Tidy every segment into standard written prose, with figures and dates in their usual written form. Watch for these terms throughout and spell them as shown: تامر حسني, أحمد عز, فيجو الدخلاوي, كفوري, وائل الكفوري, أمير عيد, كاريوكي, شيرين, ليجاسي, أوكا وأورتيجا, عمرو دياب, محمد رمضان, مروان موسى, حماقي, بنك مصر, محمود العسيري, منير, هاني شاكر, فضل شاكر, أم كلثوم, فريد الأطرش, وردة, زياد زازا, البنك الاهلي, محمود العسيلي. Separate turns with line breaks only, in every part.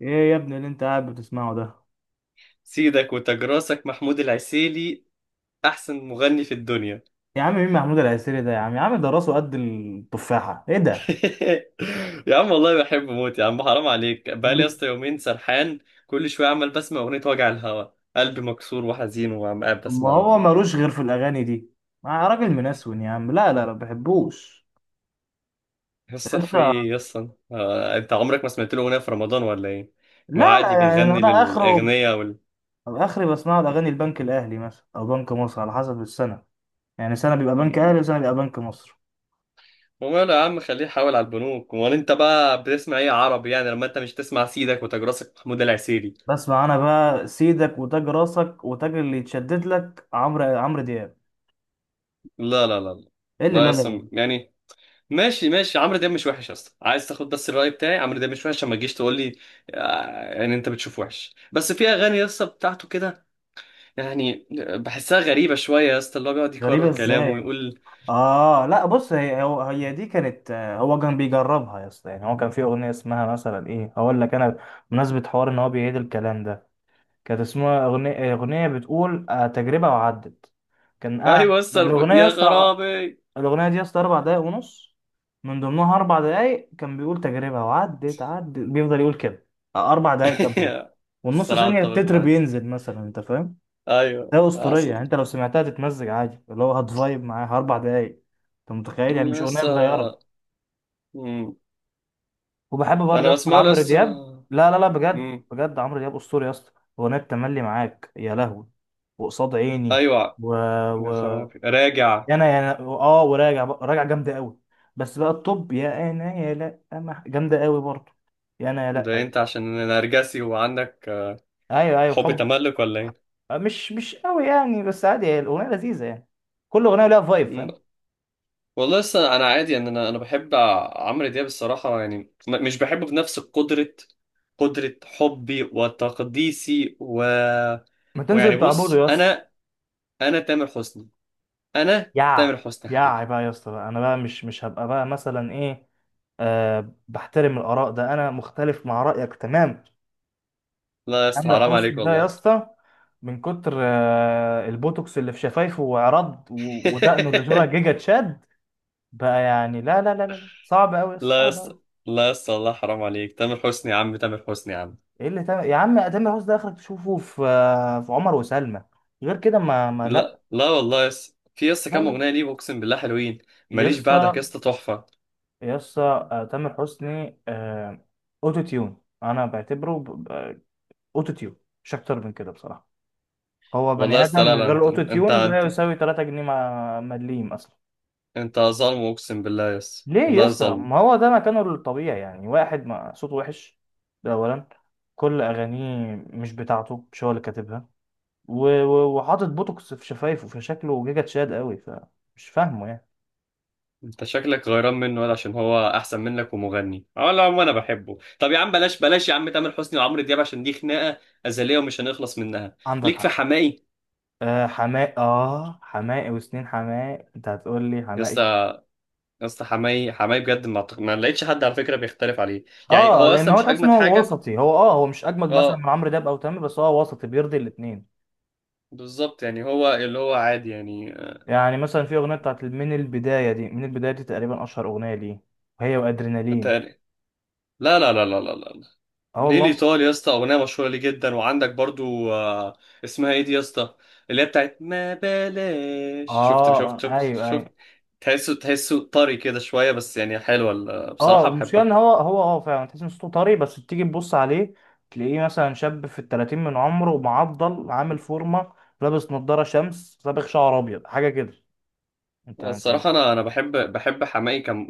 ايه يا ابني اللي انت قاعد بتسمعه ده؟
سيدك وتجراسك محمود العسيلي، احسن مغني في الدنيا.
يا عم مين محمود العسيري ده؟ يا عم يا عم ده راسه قد التفاحة، ايه ده؟
يا عم والله بحب موت، يا عم حرام عليك، بقالي يا
بت-
اسطى يومين سرحان، كل شويه عمال بسمع اغنيه وجع الهوا، قلبي مكسور وحزين وعم قاعد
ما
بسمع
هو
والله.
ملوش غير في الاغاني دي. ما راجل منسون يا عم، لا لا لا ما بحبوش.
يا اسطى
انت،
في ايه يا اسطى؟ انت عمرك ما سمعت له اغنيه في رمضان ولا ايه؟ ما
لا لا
عادي
يعني
بيغني
انا اخره.
للاغنياء
اخري بسمعه الاغاني البنك الاهلي مثلا او بنك مصر على حسب السنة، يعني سنة بيبقى بنك اهلي
مم.
وسنة بيبقى بنك مصر.
وماله يا عم، خليه يحاول على البنوك، امال انت بقى بتسمع ايه عربي؟ يعني لما انت مش تسمع سيدك وتجراسك محمود العسيلي؟
بسمع انا بقى سيدك وتاج راسك وتاج اللي يتشدد لك عمرو، دياب.
لا لا لا لا.
ايه اللي لا
لا
لا لا؟
اصلا يعني. ماشي ماشي، عمرو دياب مش وحش، اصلا عايز تاخد بس الرأي بتاعي، عمرو دياب مش وحش عشان ما تجيش تقول لي. يعني انت بتشوف وحش، بس في اغاني يا اسطى بتاعته كده يعني، بحسها غريبة شوية يا اسطى، اللي هو بيقعد يكرر
غريبة
كلامه
ازاي؟
ويقول.
اه لا بص، هي هو هي دي كانت، هو كان بيجربها يا اسطى، يعني هو كان في اغنيه اسمها مثلا ايه، هقول لك انا، بمناسبه حوار ان هو بيعيد الكلام ده. كانت اسمها اغنيه، بتقول تجربه وعدت. كان قاعد
ايوه يا اسطى
الاغنيه يا
يا
اسطى.
غرابي.
الاغنيه دي يا اسطى اربع دقايق ونص، من ضمنها اربع دقايق كان بيقول تجربه وعدت عدت، بيفضل يقول كده. اربع دقايق كاملين والنص
الصراحة
ثانيه
اتفق
التتر
معاك،
بينزل مثلا، انت فاهم؟
ايوه
ده اسطوريه يعني،
اصلا.
انت لو سمعتها تتمزج عادي، اللي هو هتفايب معاها اربع دقايق. انت متخيل؟ يعني مش اغنيه
لسه.
صغيره.
مم.
وبحب برضه
انا
يا اسطى
بسمع له
عمرو
لسه.
دياب. لا لا لا، بجد
مم.
بجد عمرو دياب اسطوري يا اسطى. اغنيه تملي معاك، يا لهوي، وقصاد عيني،
ايوه.
و،
يا
و،
خرابي راجع.
انا يا أنا- اه وراجع راجع جامده قوي. بس بقى الطب، يا انا يا لا أنا- جامده قوي برضه. يا انا يا
ده
لا.
انت عشان نرجسي وعندك
ايوه ايوه
حب
حب.
تملك ولا ايه؟
مش مش قوي يعني، بس عادي، هي الاغنيه لذيذه يعني. كل اغنيه لها فايب،
مم.
فاهم؟
والله لسه انا عادي يعني، انا بحب عمرو دياب الصراحه يعني. مش بحبه بنفس قدره، قدره حبي وتقديسي
ما
ويعني
تنزل تعبده
بص
يا اسطى.
انا، انا تامر حسني، انا تامر
يع
حسني
يع
حبيبي.
بقى يا اسطى بقى. انا بقى مش مش هبقى بقى مثلا ايه. أه بحترم الاراء، ده انا مختلف مع رايك تمام.
لا يا اسطى
عامر
حرام عليك
حسني ده يا
والله.
اسطى، من كتر البوتوكس اللي في شفايفه وعرض ودقنه اللي شبه جيجا تشاد بقى، يعني لا لا لا لا لا. صعب قوي،
لا يا
صعب
اسطى،
قوي.
لا يا اسطى والله حرام عليك، تامر حسني يا عم، تامر حسني يا عم.
ايه اللي تعمل يا عم؟ تامر حسني ده اخرك تشوفه في في عمر وسلمى، غير كده ما ما لا.
لا لا والله يا اسطى، في يا اسطى
لا
كام
لا
اغنيه ليه، اقسم بالله حلوين.
يا
ماليش بعدك يا
اسطى،
اسطى، تحفه.
يا اسطى تامر حسني، اوتو تيون انا بعتبره، اوتو تيون، مش اكتر من كده بصراحه. هو
والله يا
بني ادم
اسطى لا
من
لا،
غير
انت
الاوتو
انت
تيون لا
انت
يساوي 3 جنيه مع مليم اصلا.
انت ظالم، اقسم بالله يس،
ليه يا
والله
اسطى؟
ظالم.
ما هو ده مكانه الطبيعي يعني، واحد ما صوته وحش، ده اولا. كل اغانيه مش بتاعته، مش هو اللي كاتبها، وحاطط بوتوكس في شفايفه، فشكله جيجا تشاد قوي، فمش فاهمه يعني.
انت شكلك غيران منه، ولا عشان هو احسن منك ومغني. اه لا عم، انا بحبه، طب يا عم بلاش بلاش يا عم تامر حسني وعمرو دياب، عشان دي خناقه ازليه ومش هنخلص منها.
عندك
ليك في
حق.
حماقي.
آه حماقي، اه حماقي وسنين حماقي، انت هتقول لي
يا اسطى
حماقي؟
يا اسطى، حماقي حماقي بجد، ما لقيتش حد على فكره بيختلف عليه. يعني
اه
هو
لان
اصلا
هو
مش
تحس ان
اجمد
هو
حاجه.
وسطي، هو اه هو مش اجمد مثلا
اه.
من عمرو دياب او تامر، بس هو وسطي بيرضي الاثنين.
بالظبط، يعني هو اللي هو عادي يعني.
يعني مثلا في اغنيه بتاعت من البدايه دي، تقريبا اشهر اغنيه ليه، وهي وادرينالين.
تقري- لا لا لا لا لا لا.
اه
ليه
والله.
الإيطالي يا اسطى؟ أغنية مشهورة ليه جدا، وعندك برضو اسمها إيه دي يا اسطى؟ اللي هي بتاعت ما بلاش شفت شفت
اه
شفت
ايوه
شفت.
ايوه.
تحسه طري كده شوية، بس يعني حلوة
اه
بصراحة
المشكله ان
بحبها.
هو هو اه فعلا تحس ان صوته طري، بس تيجي تبص عليه تلاقيه مثلا شاب في التلاتين من عمره، معضل، عامل فورمه، لابس نضاره شمس، صابغ شعر ابيض حاجه كده. انت
الصراحة أنا بحب حماقي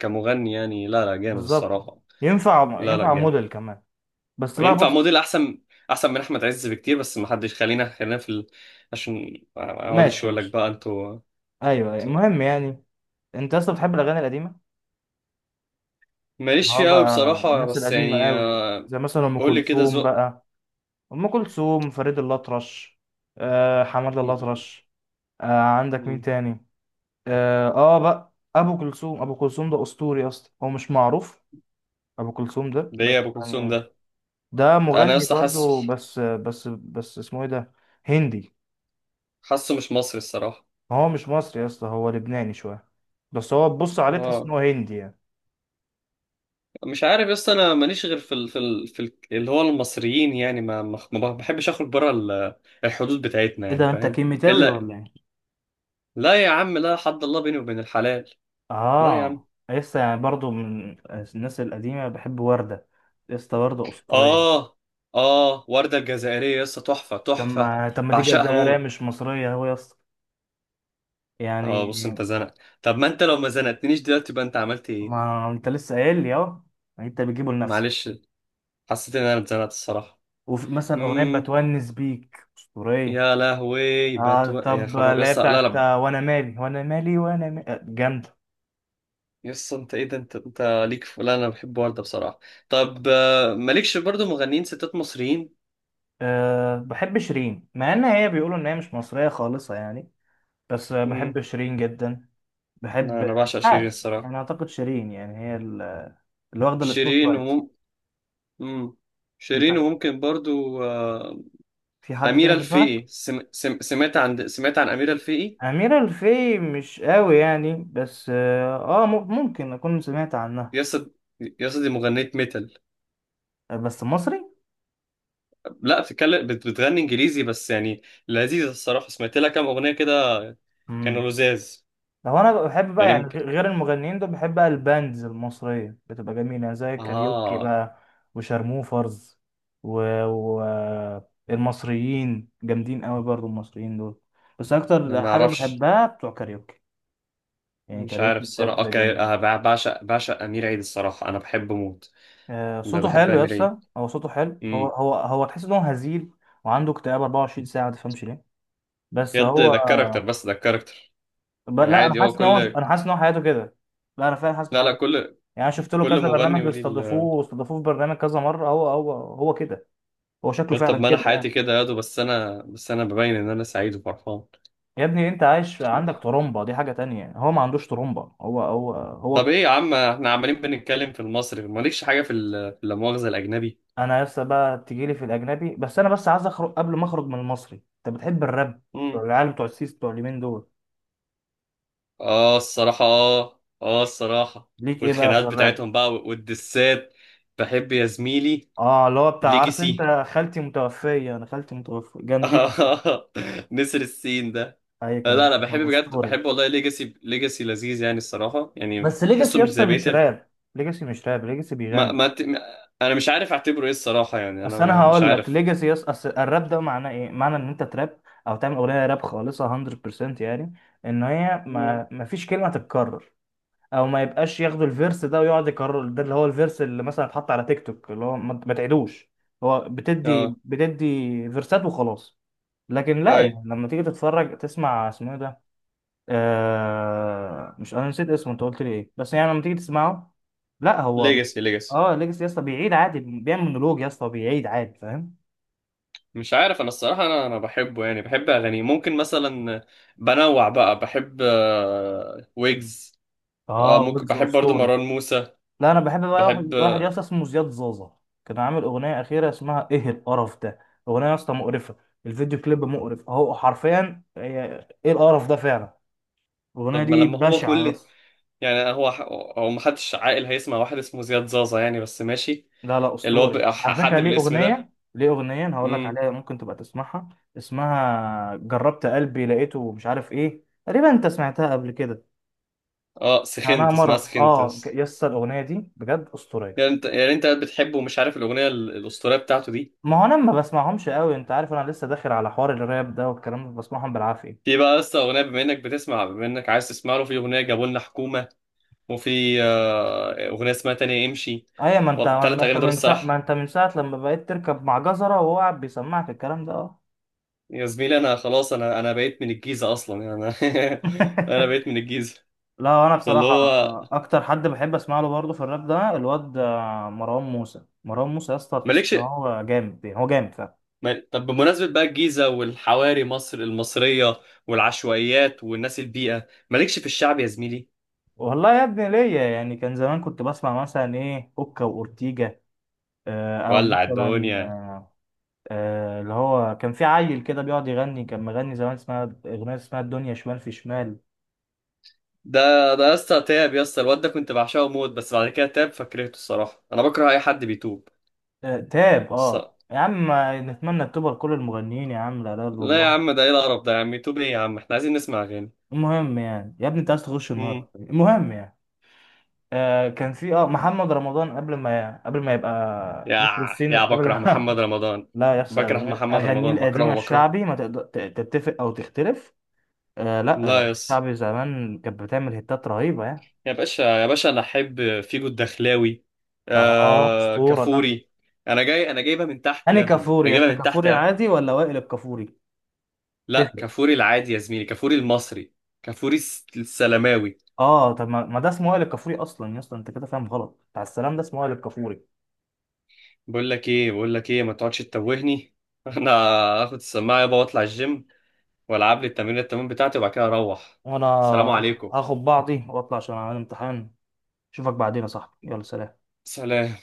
كمغني يعني، لا لا جامد
بالظبط
الصراحة.
ينفع،
لا لا
ينفع
جامد.
موديل كمان. بس بقى
ينفع
بص.
موديل أحسن، أحسن من أحمد عز بكتير، بس ما حدش، خلينا خلينا عشان ما أقعدش
ماشي
أقول لك
ماشي.
بقى أنتوا.
ايوه أيوة.
أنتوا-
المهم يعني، انت اصلا بتحب الاغاني القديمه.
ماليش
اه
فيه أوي
بقى
بصراحة،
الناس
بس
القديمة
يعني
قوي، زي مثلا أم
قول لي كده
كلثوم
ذوق.
بقى. أم كلثوم، فريد الأطرش، آه حماد
مم.
الأطرش، آه عندك مين تاني؟ آه بقى أبو كلثوم. أبو كلثوم ده أسطوري أصلا، هو مش معروف أبو كلثوم ده،
ده
بس
ايه ابو كلثوم
يعني
ده؟
ده
انا يا
مغني
اسطى حاسه،
برضو، بس اسمه إيه ده؟ هندي.
حاسه مش مصري الصراحه.
هو مش مصري يا اسطى، هو لبناني شوية، بس هو تبص عليه تحس إن
اه.
هو هندي يعني.
مش عارف يا اسطى انا ماليش غير اللي هو المصريين، يعني ما بحبش اخرج بره الحدود بتاعتنا،
ايه
يعني
ده، انت
فاهم
كيميتاوي
الا.
ولا ايه؟
لا يا عم لا، حد الله بيني وبين الحلال. لا يا عم.
اه لسه يعني برضو من الناس القديمة بحب وردة، لسه وردة أسطورية.
اه اه ورده الجزائريه يا اسطى، تحفه
طب
تحفه.
ما دي
بعشقها
جزائرية
موت.
مش مصرية هو يا اسطى،
اه
يعني
بص، انت زنق. طب ما انت لو ما زنقتنيش دلوقتي يبقى انت عملت ايه؟
ما انت لسه قايل لي اهو، يعني انت بتجيبه لنفسك.
معلش، حسيت ان انا اتزنقت الصراحه.
ومثلا أغنية
مم.
بتونس بيك أسطورية.
يا لهوي
اه
يا
طب
خراب
اللي هي
يس، لا
بتاعت
لا.
وانا مالي، جامدة.
يس انت ايه ده، انت ليك لا انا بحب وردة بصراحة. طب مالكش برضو مغنيين ستات مصريين؟
أه بحب شيرين، مع ان هي بيقولوا ان هي مش مصرية خالصة يعني، بس
امم.
بحب شيرين جدا.
انا
بحب،
انا
مش
بعشق شيرين
عارف
الصراحة.
يعني، اعتقد شيرين يعني هي اللي واخده السبوت
شيرين
لايت.
امم.
انت،
شيرين، وممكن برضو
في حد
أميرة
تاني في دماغك؟
الفقي. سمعت عن أميرة الفقي.
أميرة الفي مش قوي يعني، بس آه آه، ممكن أكون سمعت عنها.
يس. يس دي مغنية ميتال.
آه، بس مصري؟
لا، بتغني انجليزي بس يعني، لذيذة الصراحة، سمعت لها كام أغنية كده.
مم.
كانوا لذاذ.
لو أنا بحب بقى
يعني
يعني
يمكن.
غير المغنيين دول، بحب بقى الباندز المصرية بتبقى جميلة، زي كاريوكي
اه.
بقى، وشارموفرز، و، و المصريين جامدين قوي برضو المصريين دول. بس
أنا
أكتر
ما
حاجة
اعرفش.
بحبها بتوع كاريوكي، يعني
مش عارف
كاريوكي
الصراحه.
بجد
اوكي
جامدين.
أه بعشق امير عيد الصراحه، انا بحبه موت.
صوته
بحب
حلو يا
امير عيد.
اسطى، هو صوته حلو، هو
امم.
هو هو تحس ان هو هزيل، وعنده اكتئاب 24 ساعه ما تفهمش ليه. بس
بجد
هو
ده الكاركتر، بس ده الكاركتر. يعني
لا انا
عادي هو
حاسس ان هو،
كل.
انا حاسس ان هو حياته كده. لا انا فعلا حاسس ان
لا لا
حياته،
كل.
يعني انا شفت له
كل
كذا برنامج
مغني وليه
بيستضيفوه، واستضافوه في برنامج كذا مره، هو هو هو كده، هو شكله
يا طب
فعلا
ما انا
كده يعني.
حياتي كده يا دو، بس انا، بس انا ببين ان انا سعيد وفرحان.
يا ابني انت عايش
مش مهم.
عندك ترومبا، دي حاجه تانية، هو ما عندوش ترومبا، هو هو
طب
هو.
ايه يا عم، احنا عمالين بنتكلم في المصري، مالكش حاجه في لا مؤاخذه الاجنبي؟
انا لسه بقى تجيلي في الاجنبي، بس انا بس عايز اخرج قبل ما اخرج من المصري. انت بتحب الراب،
امم.
العيال بتوع السيس بتوع اليمين دول؟
اه الصراحه، اه اه الصراحه.
ليك ايه بقى في
والخناقات
الراب؟
بتاعتهم بقى والدسات. بحب يا زميلي.
اه اللي هو بتاع، عارف
ليجاسي.
انت خالتي متوفية؟ انا خالتي متوفية؟ جامدين قوي.
آه، نسر السين ده.
ايوه كان
لا لا بحب،
كان
بجد
اسطوري.
بحب والله، ليجاسي ليجاسي لذيذ يعني الصراحة، يعني
بس ليجاسي
تحسه
يا
مش
اسطى
زي
مش
بيتر.
راب، ليجاسي مش راب، ليجاسي
ما
بيغني.
ما ت- ما- انا مش عارف اعتبره ايه الصراحة، يعني انا
اصل انا
مش
هقول لك
عارف.
ليجاسي يا اسطى، أصل الراب ده معناه ايه؟ معنى ان انت تراب او تعمل اغنيه راب خالصه 100%، يعني ان هي
مم.
ما فيش كلمه تتكرر، او ما يبقاش ياخدوا الفيرس ده ويقعد يكرر، ده اللي هو الفيرس اللي مثلا اتحط على تيك توك، اللي هو ما تعيدوش. هو
اه.
بتدي فيرسات وخلاص. لكن لا
اي.
يعني، لما تيجي تتفرج تسمع اسمه إيه ده، آه مش انا نسيت اسمه، انت قلت لي ايه؟ بس يعني لما تيجي تسمعه، لا هو،
ليجاسي ليجاسي.
اه ليجاسي يا اسطى بيعيد عادي، بيعمل مونولوج يا اسطى، بيعيد عادي فاهم.
مش عارف انا الصراحة، انا بحبه يعني، بحب اغانيه ممكن مثلا، بنوع بقى بحب ويجز. اه
اه
ممكن
ويجز
بحب برضو
اسطوري.
مروان موسى.
لا انا بحب بقى واحد
بحب.
واحد يا اسطى اسمه زياد زازا. كان عامل اغنيه اخيره اسمها ايه القرف ده، اغنيه يا اسطى مقرفه، الفيديو كليب مقرف، اهو حرفيا ايه القرف ده فعلا، الاغنيه
طب ما
دي
لما هو
بشعه يا
كل،
اسطى.
يعني هو محدش عاقل هيسمع واحد اسمه زياد زازا يعني، بس ماشي.
لا لا
اللي هو
اسطوري
بقى
على
حد
فكره، ليه
بالاسم ده.
اغنيه، أنا هقول لك
امم.
عليها ممكن تبقى تسمعها، اسمها جربت قلبي لقيته مش عارف ايه تقريبا، انت سمعتها قبل كده؟
اه
يعني. انا
سخنت، اسمها
مره
سخنت
اه
بس.
يس الاغنيه دي بجد اسطوريه.
يعني انت، يعني انت بتحبه ومش عارف الاغنيه الاسطوريه بتاعته دي.
ما هو انا ما بسمعهمش قوي، انت عارف انا لسه داخل على حوار الراب ده والكلام ده، بسمعهم بالعافيه.
في بقى لسه اغنيه، بما انك بتسمع، بما انك عايز تسمع له، في اغنيه جابوا لنا حكومه، وفي اغنيه اسمها تانية امشي.
ايوه ما انت،
الثلاث اغاني دول
ما
الصراحه.
انت من ساعه لما بقيت تركب مع جزره وهو قاعد بيسمعك الكلام ده اه.
يا زميلي انا خلاص، انا بقيت من الجيزه اصلا، يعني انا. انا بقيت من الجيزه.
لا انا
فاللي
بصراحه
هو.
اكتر حد بحب اسمع له برضه في الراب ده الواد مروان موسى، يا اسطى تحس
مالكش.
ان هو جامد يعني، هو جامد فعلا.
طب بمناسبه بقى الجيزه والحواري مصر المصريه والعشوائيات والناس البيئه، مالكش في الشعب يا زميلي؟
والله يا ابني ليا يعني، كان زمان كنت بسمع مثلا ايه اوكا واورتيجا، او
ولع
مثلا
الدنيا.
اللي هو كان في عيل كده بيقعد يغني، كان مغني زمان اسمها اغنيه، اسمها الدنيا شمال في شمال.
ده ده يا اسطى تاب، يا اسطى الواد ده كنت بعشقه موت، بس بعد كده تاب فكرهته الصراحه، انا بكره اي حد بيتوب
تاب اه
الصراحة.
يا عم. نتمنى التوبه لكل المغنيين يا عم، لا اله الا
لا يا
الله.
عم، ده ايه القرف ده يا عم، يتوب ايه يا عم، احنا عايزين نسمع اغاني.
المهم يعني يا ابني انت عايز تخش النار.
امم.
المهم يعني، آه كان في اه محمد رمضان قبل ما، يبقى
يا
نسر الصين
يا
قبل
بكره محمد
ما.
رمضان،
لا يس
بكره
اغانيه،
محمد
اغانيه
رمضان،
القديمه
بكرهه بكرهه.
الشعبي ما تقدر تتفق او تختلف. آه لا
لا
اغاني
يا اسطى.
الشعبي زمان كانت بتعمل هيتات رهيبه يعني.
يا باشا يا باشا انا احب فيجو الدخلاوي.
اه
آه
اسطوره ده.
كفوري. انا جاي انا جايبها من تحت
انهي
يا ابني،
كفوري
انا
يا اسطى؟
جايبها من تحت
كفوري
يا ابني.
العادي ولا وائل الكفوري؟
لا
تفرق.
كفوري العادي يا زميلي، كفوري المصري. كفوري السلماوي.
اه طب ما ما ده اسمه وائل الكفوري اصلا يا اسطى، انت كده فاهم غلط، بتاع السلام ده اسمه وائل الكفوري.
بقول لك ايه، بقول لك ايه، ما تقعدش تتوهني. انا هاخد السماعه يابا واطلع الجيم، والعب لي التمرين، التمرين بتاعتي، وبعد كده اروح.
وانا
السلام عليكم.
هاخد بعضي واطلع عشان اعمل امتحان. اشوفك بعدين يا صاحبي، يلا سلام.
سلام.